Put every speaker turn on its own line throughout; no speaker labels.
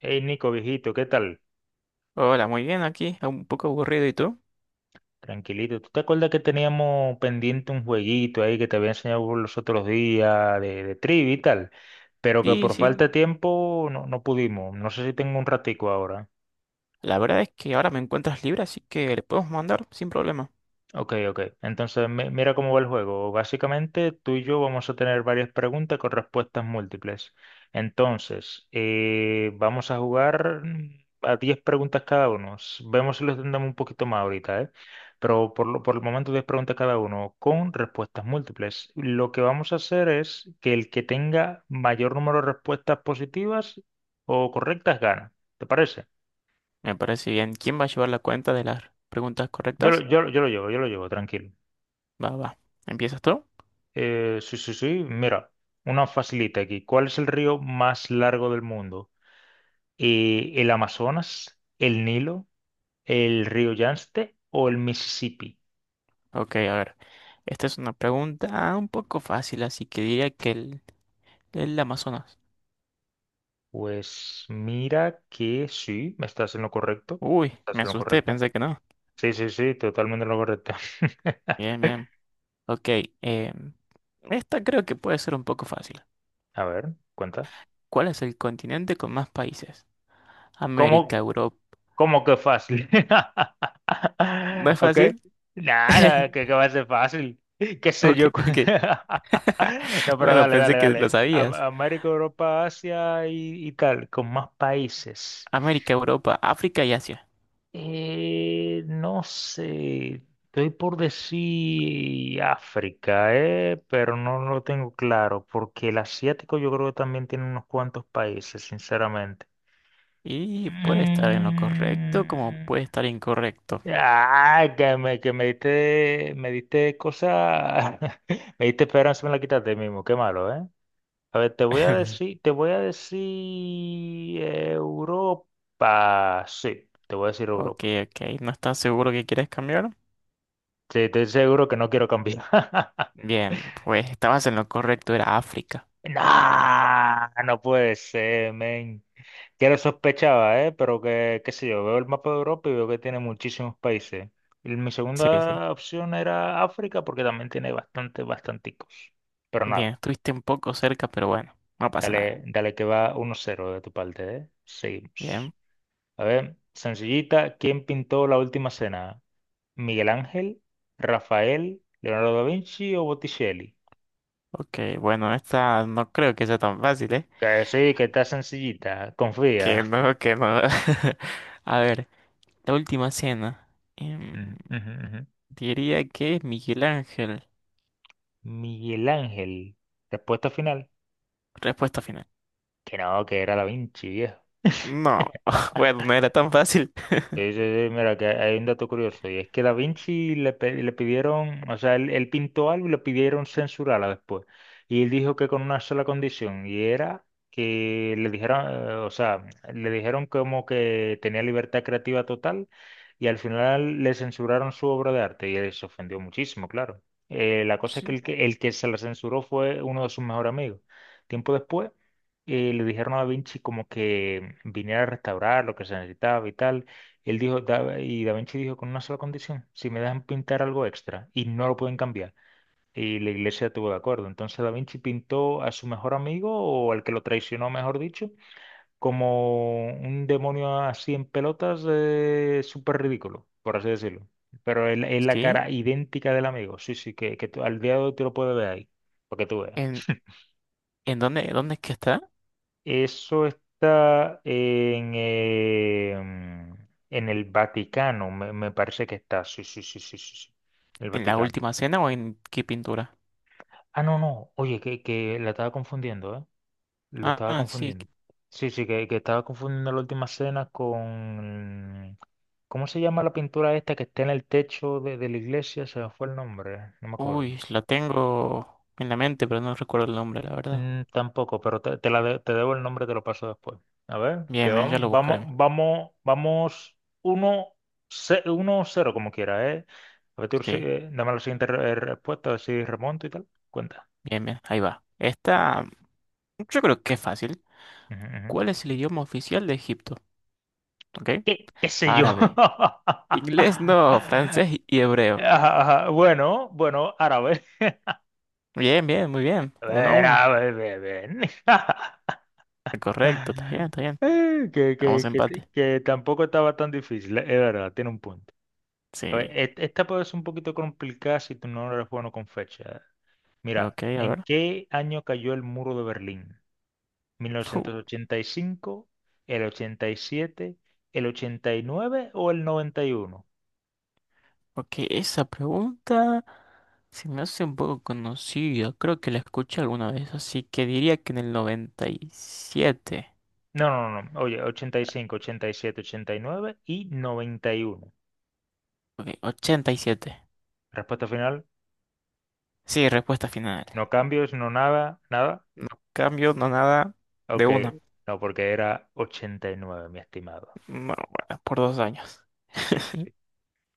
Hey Nico, viejito, ¿qué tal?
Hola, muy bien aquí, un poco aburrido, ¿y tú?
Tranquilito. ¿Tú te acuerdas que teníamos pendiente un jueguito ahí que te había enseñado por los otros días de trivia y tal? Pero que
Sí,
por falta
sí,
de tiempo no, no pudimos. No sé si tengo un ratico ahora.
la verdad es que ahora me encuentras libre, así que le podemos mandar sin problema.
Ok, ok. Entonces, mira cómo va el juego. Básicamente, tú y yo vamos a tener varias preguntas con respuestas múltiples. Entonces, vamos a jugar a 10 preguntas cada uno. Vemos si lo entendemos un poquito más ahorita, ¿eh? Pero por el momento, 10 preguntas cada uno con respuestas múltiples. Lo que vamos a hacer es que el que tenga mayor número de respuestas positivas o correctas gana. ¿Te parece?
Me parece bien. ¿Quién va a llevar la cuenta de las preguntas correctas?
Yo lo llevo, tranquilo.
Va, va. ¿Empiezas tú?
Sí, sí, sí. Mira, una facilita aquí. ¿Cuál es el río más largo del mundo? ¿El Amazonas, el Nilo, el río Yangtze o el Mississippi?
Ok, a ver. Esta es una pregunta un poco fácil, así que diría que el Amazonas.
Pues mira que sí, me estás en lo correcto.
Uy,
Estás
me
en lo
asusté,
correcto.
pensé que no.
Sí, sí, sí, totalmente en lo correcto.
Bien, bien. Ok, em, esta creo que puede ser un poco fácil.
A ver, cuenta.
¿Cuál es el continente con más países?
¿Cómo,
América, Europa.
¿Cómo que fácil?
¿No es
¿Ok?
fácil?
Nada, que, que va a ser fácil. ¿Qué sé
Ok,
yo?
ok.
No, pero
Bueno,
dale,
pensé
dale,
que lo
dale.
sabías.
América, Europa, Asia y tal, con más países.
América, Europa, África y Asia.
No sé, estoy por decir África, pero no lo tengo claro, porque el asiático yo creo que también tiene unos cuantos países, sinceramente.
Y puede estar en lo correcto como
Mm.
puede estar incorrecto.
Ah, me diste cosas, me diste esperanza, me la quitaste mismo, qué malo, ¿eh? A ver, te voy a decir Europa, sí, te voy a decir
Ok,
Europa.
ok. ¿No estás seguro que quieres cambiar?
Sí, estoy seguro que no quiero cambiar.
Bien, pues estabas en lo correcto, era África.
Nah, no puede ser, men. Que lo sospechaba, ¿eh? Pero que, qué sé yo, veo el mapa de Europa y veo que tiene muchísimos países. Y mi
Sí, sí.
segunda opción era África porque también tiene bastante, bastanticos. Pero nada,
Bien, estuviste un poco cerca, pero bueno, no pasa
dale,
nada.
dale que va 1-0 de tu parte, ¿eh? Seguimos.
Bien.
A ver, sencillita, ¿quién pintó la última cena? ¿Miguel Ángel, Rafael, Leonardo da Vinci o Botticelli?
Ok, bueno, esta no creo que sea tan fácil, ¿eh?
Que sí, que está sencillita,
Que
confía.
no, que no. A ver, la última cena. Em, diría que es Miguel Ángel.
Miguel Ángel. Respuesta final.
Respuesta final.
Que no, que era Da Vinci, viejo.
No, bueno, no era tan fácil.
Sí, sí, sí, mira, que hay un dato curioso, y es que Da Vinci le pidieron, o sea, él pintó algo y le pidieron censurarla después. Y él dijo que con una sola condición, y era que le dijeron, o sea, le dijeron como que tenía libertad creativa total, y al final le censuraron su obra de arte, y él se ofendió muchísimo, claro. La cosa es que
Sí.
el que se la censuró fue uno de sus mejores amigos. Tiempo después, le dijeron a Da Vinci como que viniera a restaurar lo que se necesitaba y tal. Él dijo: Da Vinci dijo con una sola condición, si me dejan pintar algo extra y no lo pueden cambiar". Y la iglesia estuvo de acuerdo. Entonces Da Vinci pintó a su mejor amigo, o al que lo traicionó, mejor dicho, como un demonio así en pelotas, súper ridículo, por así decirlo. Pero es la
¿Sí?
cara idéntica del amigo. Sí, sí, que al día de hoy te lo puedes ver ahí, porque tú veas.
¿En, en dónde es que está?
Eso está en, en el Vaticano, me parece que está. Sí, sí, sí, sí, sí, sí. En el
¿En la
Vaticano.
última cena o en qué pintura?
Ah, no, no. Oye, que la estaba confundiendo, ¿eh? Lo
Ah,
estaba
ah, sí.
confundiendo. Sí, sí, que estaba confundiendo la última cena con... ¿Cómo se llama la pintura esta que está en el techo de la iglesia? Se me fue el nombre, no me acuerdo.
Uy, la tengo en la mente, pero no recuerdo el nombre, la verdad.
Tampoco, pero te debo el nombre, te lo paso después. A ver, que
Bien, bien, ya
vamos,
lo
vamos,
buscaré.
vamos, vamos uno, 1-0 como quiera, ¿eh? A ver, tú
Sí,
sigue, dame la siguiente respuesta, a ver si remonto y tal. Cuenta.
bien, bien, ahí va. Esta, yo creo que es fácil.
Ujú, ujú.
¿Cuál es el idioma oficial de Egipto? ¿Ok?
¿Qué sé yo?
Árabe. Inglés no, francés y hebreo.
Ajá, ajá. Bueno, bueno, árabe.
Bien, bien, muy bien. Uno a
Ver,
uno.
árabe, ven.
Correcto, está bien, está bien.
Eh, Que,
Vamos
que,
a
que,
empate.
que tampoco estaba tan difícil, es verdad, tiene un punto.
Sí.
A ver, esta puede ser un poquito complicada si tú no eres bueno con fecha. Mira,
Ok, a
¿en
ver.
qué año cayó el muro de Berlín? ¿1985, el 87, el 89 o el 91?
Porque esa pregunta se me hace un poco conocida. Creo que la escuché alguna vez, así que diría que en el 97.
No, no, no, no. Oye, 85, 87, 89 y 91.
Ok, 87.
Respuesta final,
Sí, respuesta final.
no cambios, no nada, nada.
No cambio, no nada. De
Ok,
una.
no, porque era 89, mi estimado.
No, bueno, por dos años.
Sí, sí, sí, sí.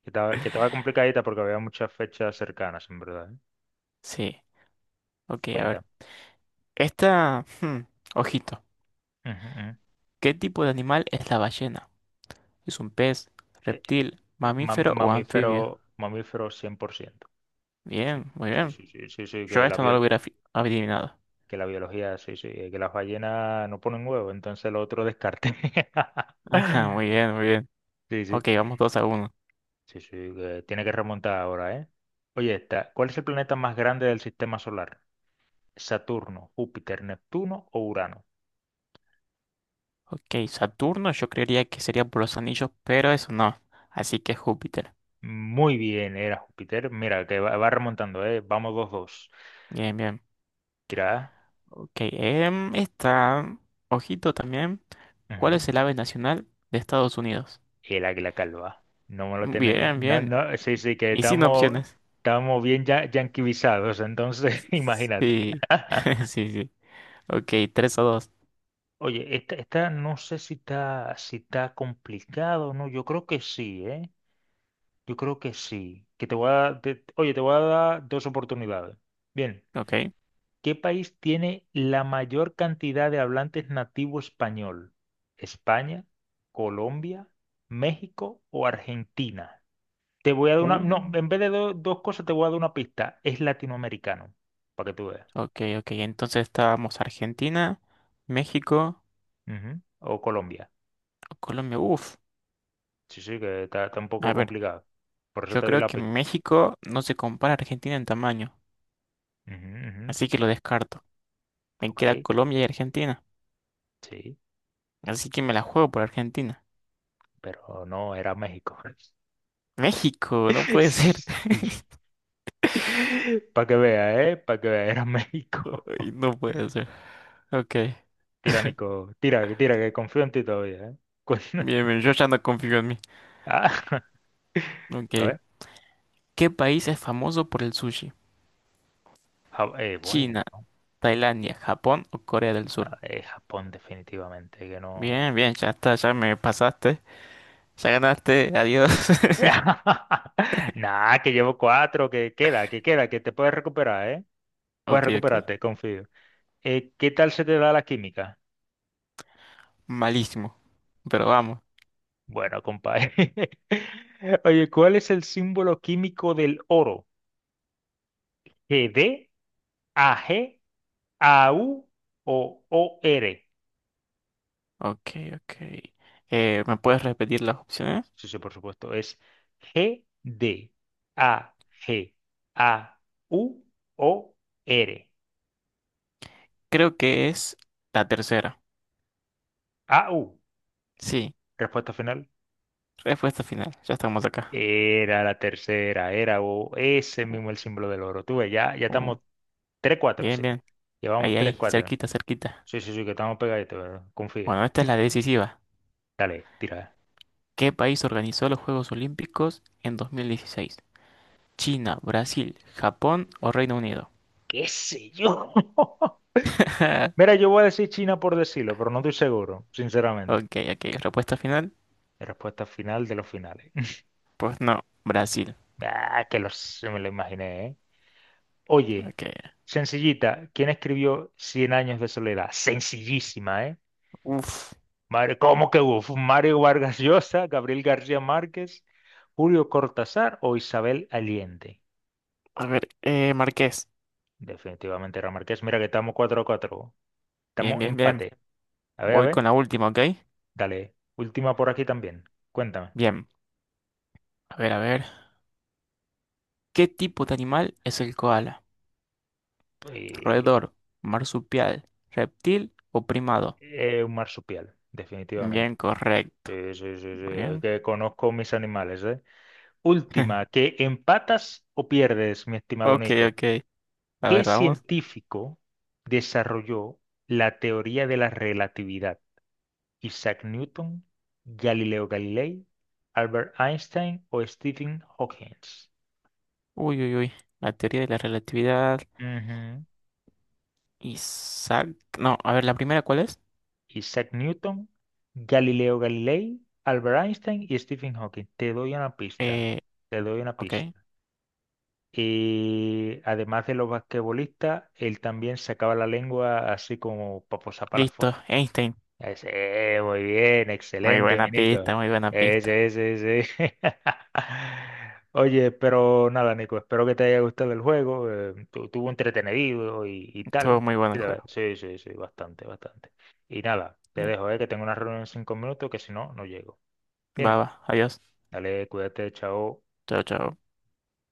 Que estaba complicadita porque había muchas fechas cercanas, en verdad, ¿eh?
Sí. Ok, a ver.
Cuéntame.
Esta... ojito.
Ujú, ujú.
¿Qué tipo de animal es la ballena? ¿Es un pez,
Eh,
reptil, mamífero o anfibio?
mamífero, mamífero 100%. Sí,
Bien, muy
sí,
bien.
sí, sí, sí, sí,
Yo
que la
esto no lo hubiera fi- adivinado.
biología, sí, sí, que las ballenas no ponen huevo, entonces lo otro descarte.
Ajá, muy bien, muy bien.
Sí, sí,
Ok, vamos dos a uno.
sí, sí, que tiene que remontar ahora, ¿eh? Oye, esta, ¿cuál es el planeta más grande del sistema solar? ¿Saturno, Júpiter, Neptuno o Urano?
Ok, Saturno yo creería que sería por los anillos, pero eso no. Así que Júpiter.
Muy bien, era Júpiter. Mira, que va remontando, ¿eh? Vamos 2-2.
Bien, bien.
Tira.
Ok, esta, ojito también. ¿Cuál es el ave nacional de Estados Unidos?
Y el águila calva. No me lo tienen ni...
Bien,
No,
bien.
no, sí, sí, que
Y sin opciones.
estamos bien ya yanquivizados, entonces imagínate.
Sí, sí, sí. Ok, 3 a 2.
Oye, esta no sé si está complicado, ¿no? Yo creo que sí, ¿eh? Yo creo que sí. Que te voy a te- Oye, te voy a dar dos oportunidades. Bien,
Ok.
¿qué país tiene la mayor cantidad de hablantes nativo español? ¿España, Colombia, México o Argentina? Te voy a dar una.
Uh.
No, en vez de dos cosas, te voy a dar una pista. Es latinoamericano, para que tú veas.
Ok, ok. Entonces estábamos Argentina, México,
Ujú. O Colombia.
Colombia. Uf.
Sí, sí, que está un poco
A ver,
complicado. Por eso
yo
te di
creo
la
que
pista.
México no se compara a Argentina en tamaño,
Ujú, ujú.
así que lo descarto. Me
Ok,
queda Colombia y Argentina.
sí.
Así que me la juego por Argentina.
Pero no, era México.
México, no puede ser.
Sí. Para que veas, ¿eh? Para que veas, era México.
Ay, no puede ser. Ok.
Tiránico. Tira, que confío en ti todavía, ¿eh? Con-
Bien, bien, yo ya no confío en mí.
Ah, a
Ok.
ver.
¿Qué país es famoso por el sushi?
Bueno,
China, Tailandia, Japón o Corea del
no,
Sur.
es Japón, definitivamente, que no.
Bien, bien, ya está, ya me pasaste. Ya ganaste, adiós.
Nah, que llevo cuatro, que queda, que te puedes recuperar, ¿eh? Puedes
Ok, ok.
recuperarte, confío. ¿Qué tal se te da la química?
Malísimo, pero vamos.
Bueno, compadre. Oye, ¿cuál es el símbolo químico del oro? GD, AG, AU o OR.
Ok, ok. ¿Me puedes repetir las opciones?
Sí, sí, por supuesto. Es GD, AG, AU o R.
Creo que es la tercera.
AU.
Sí,
Respuesta final.
respuesta final. Ya estamos acá.
Era la tercera, era o ese mismo el símbolo del oro. Tú ves, ya, ya
Uy,
estamos 3-4,
bien,
sí.
bien.
Llevamos
Ahí, ahí,
3-4.
cerquita, cerquita.
Sí, sí, sí, que estamos pegaditos, confía.
Bueno, esta es la decisiva.
Dale, tira.
¿Qué país organizó los Juegos Olímpicos en 2016? ¿China, Brasil, Japón o Reino Unido?
¿Qué sé yo? Mira, yo voy a decir China por decirlo, pero no estoy seguro, sinceramente.
Ok, ok. ¿Respuesta final?
La respuesta final de los finales.
Pues no, Brasil.
Ah, se me lo imaginé, ¿eh? Oye,
Ok.
sencillita, ¿quién escribió Cien años de soledad? Sencillísima, ¿eh?
Uf.
Mario, ¿cómo que hubo? Mario Vargas Llosa, Gabriel García Márquez, Julio Cortázar o Isabel Allende?
A ver, Marqués.
Definitivamente era Márquez. Mira que estamos 4-4.
Bien,
Estamos
bien, bien.
empate. A ver, a
Voy con
ver.
la última, ¿ok?
Dale. Última por aquí también. Cuéntame.
Bien. A ver, a ver. ¿Qué tipo de animal es el koala?
Eh,
¿Roedor, marsupial, reptil o primado?
un marsupial, definitivamente.
Bien, correcto.
Sí, sí, sí,
Muy
sí,
bien.
que conozco mis animales, ¿eh? Última, ¿que empatas o pierdes, mi estimado
Ok,
Nico?
ok. A
¿Qué
ver, vamos.
científico desarrolló la teoría de la relatividad? ¿Isaac Newton, Galileo Galilei, Albert Einstein o Stephen Hawking?
Uy, uy, uy. La teoría de la relatividad.
Ujú.
Isaac. No, a ver, la primera, ¿cuál es?
Isaac Newton, Galileo Galilei, Albert Einstein y Stephen Hawking. Te doy una pista.
Eh,
Te doy una
ok.
pista. Y además de los basquetbolistas, él también sacaba la lengua así como para posar para la foto.
Listo. Einstein.
Ese, muy bien,
Muy
excelente, mi
buena
Nico.
pista, muy buena pista.
Ese, ese, ese. Oye, pero nada, Nico, espero que te haya gustado el juego. Tuvo entretenido y
Estuvo
tal.
muy bueno el juego.
Sí, sí, sí, bastante, bastante. Y nada, te
Bien.
dejo, que tengo una reunión en 5 minutos, que si no, no llego.
Va,
Bien,
va. Adiós.
dale, cuídate, chao.
Chao, chao.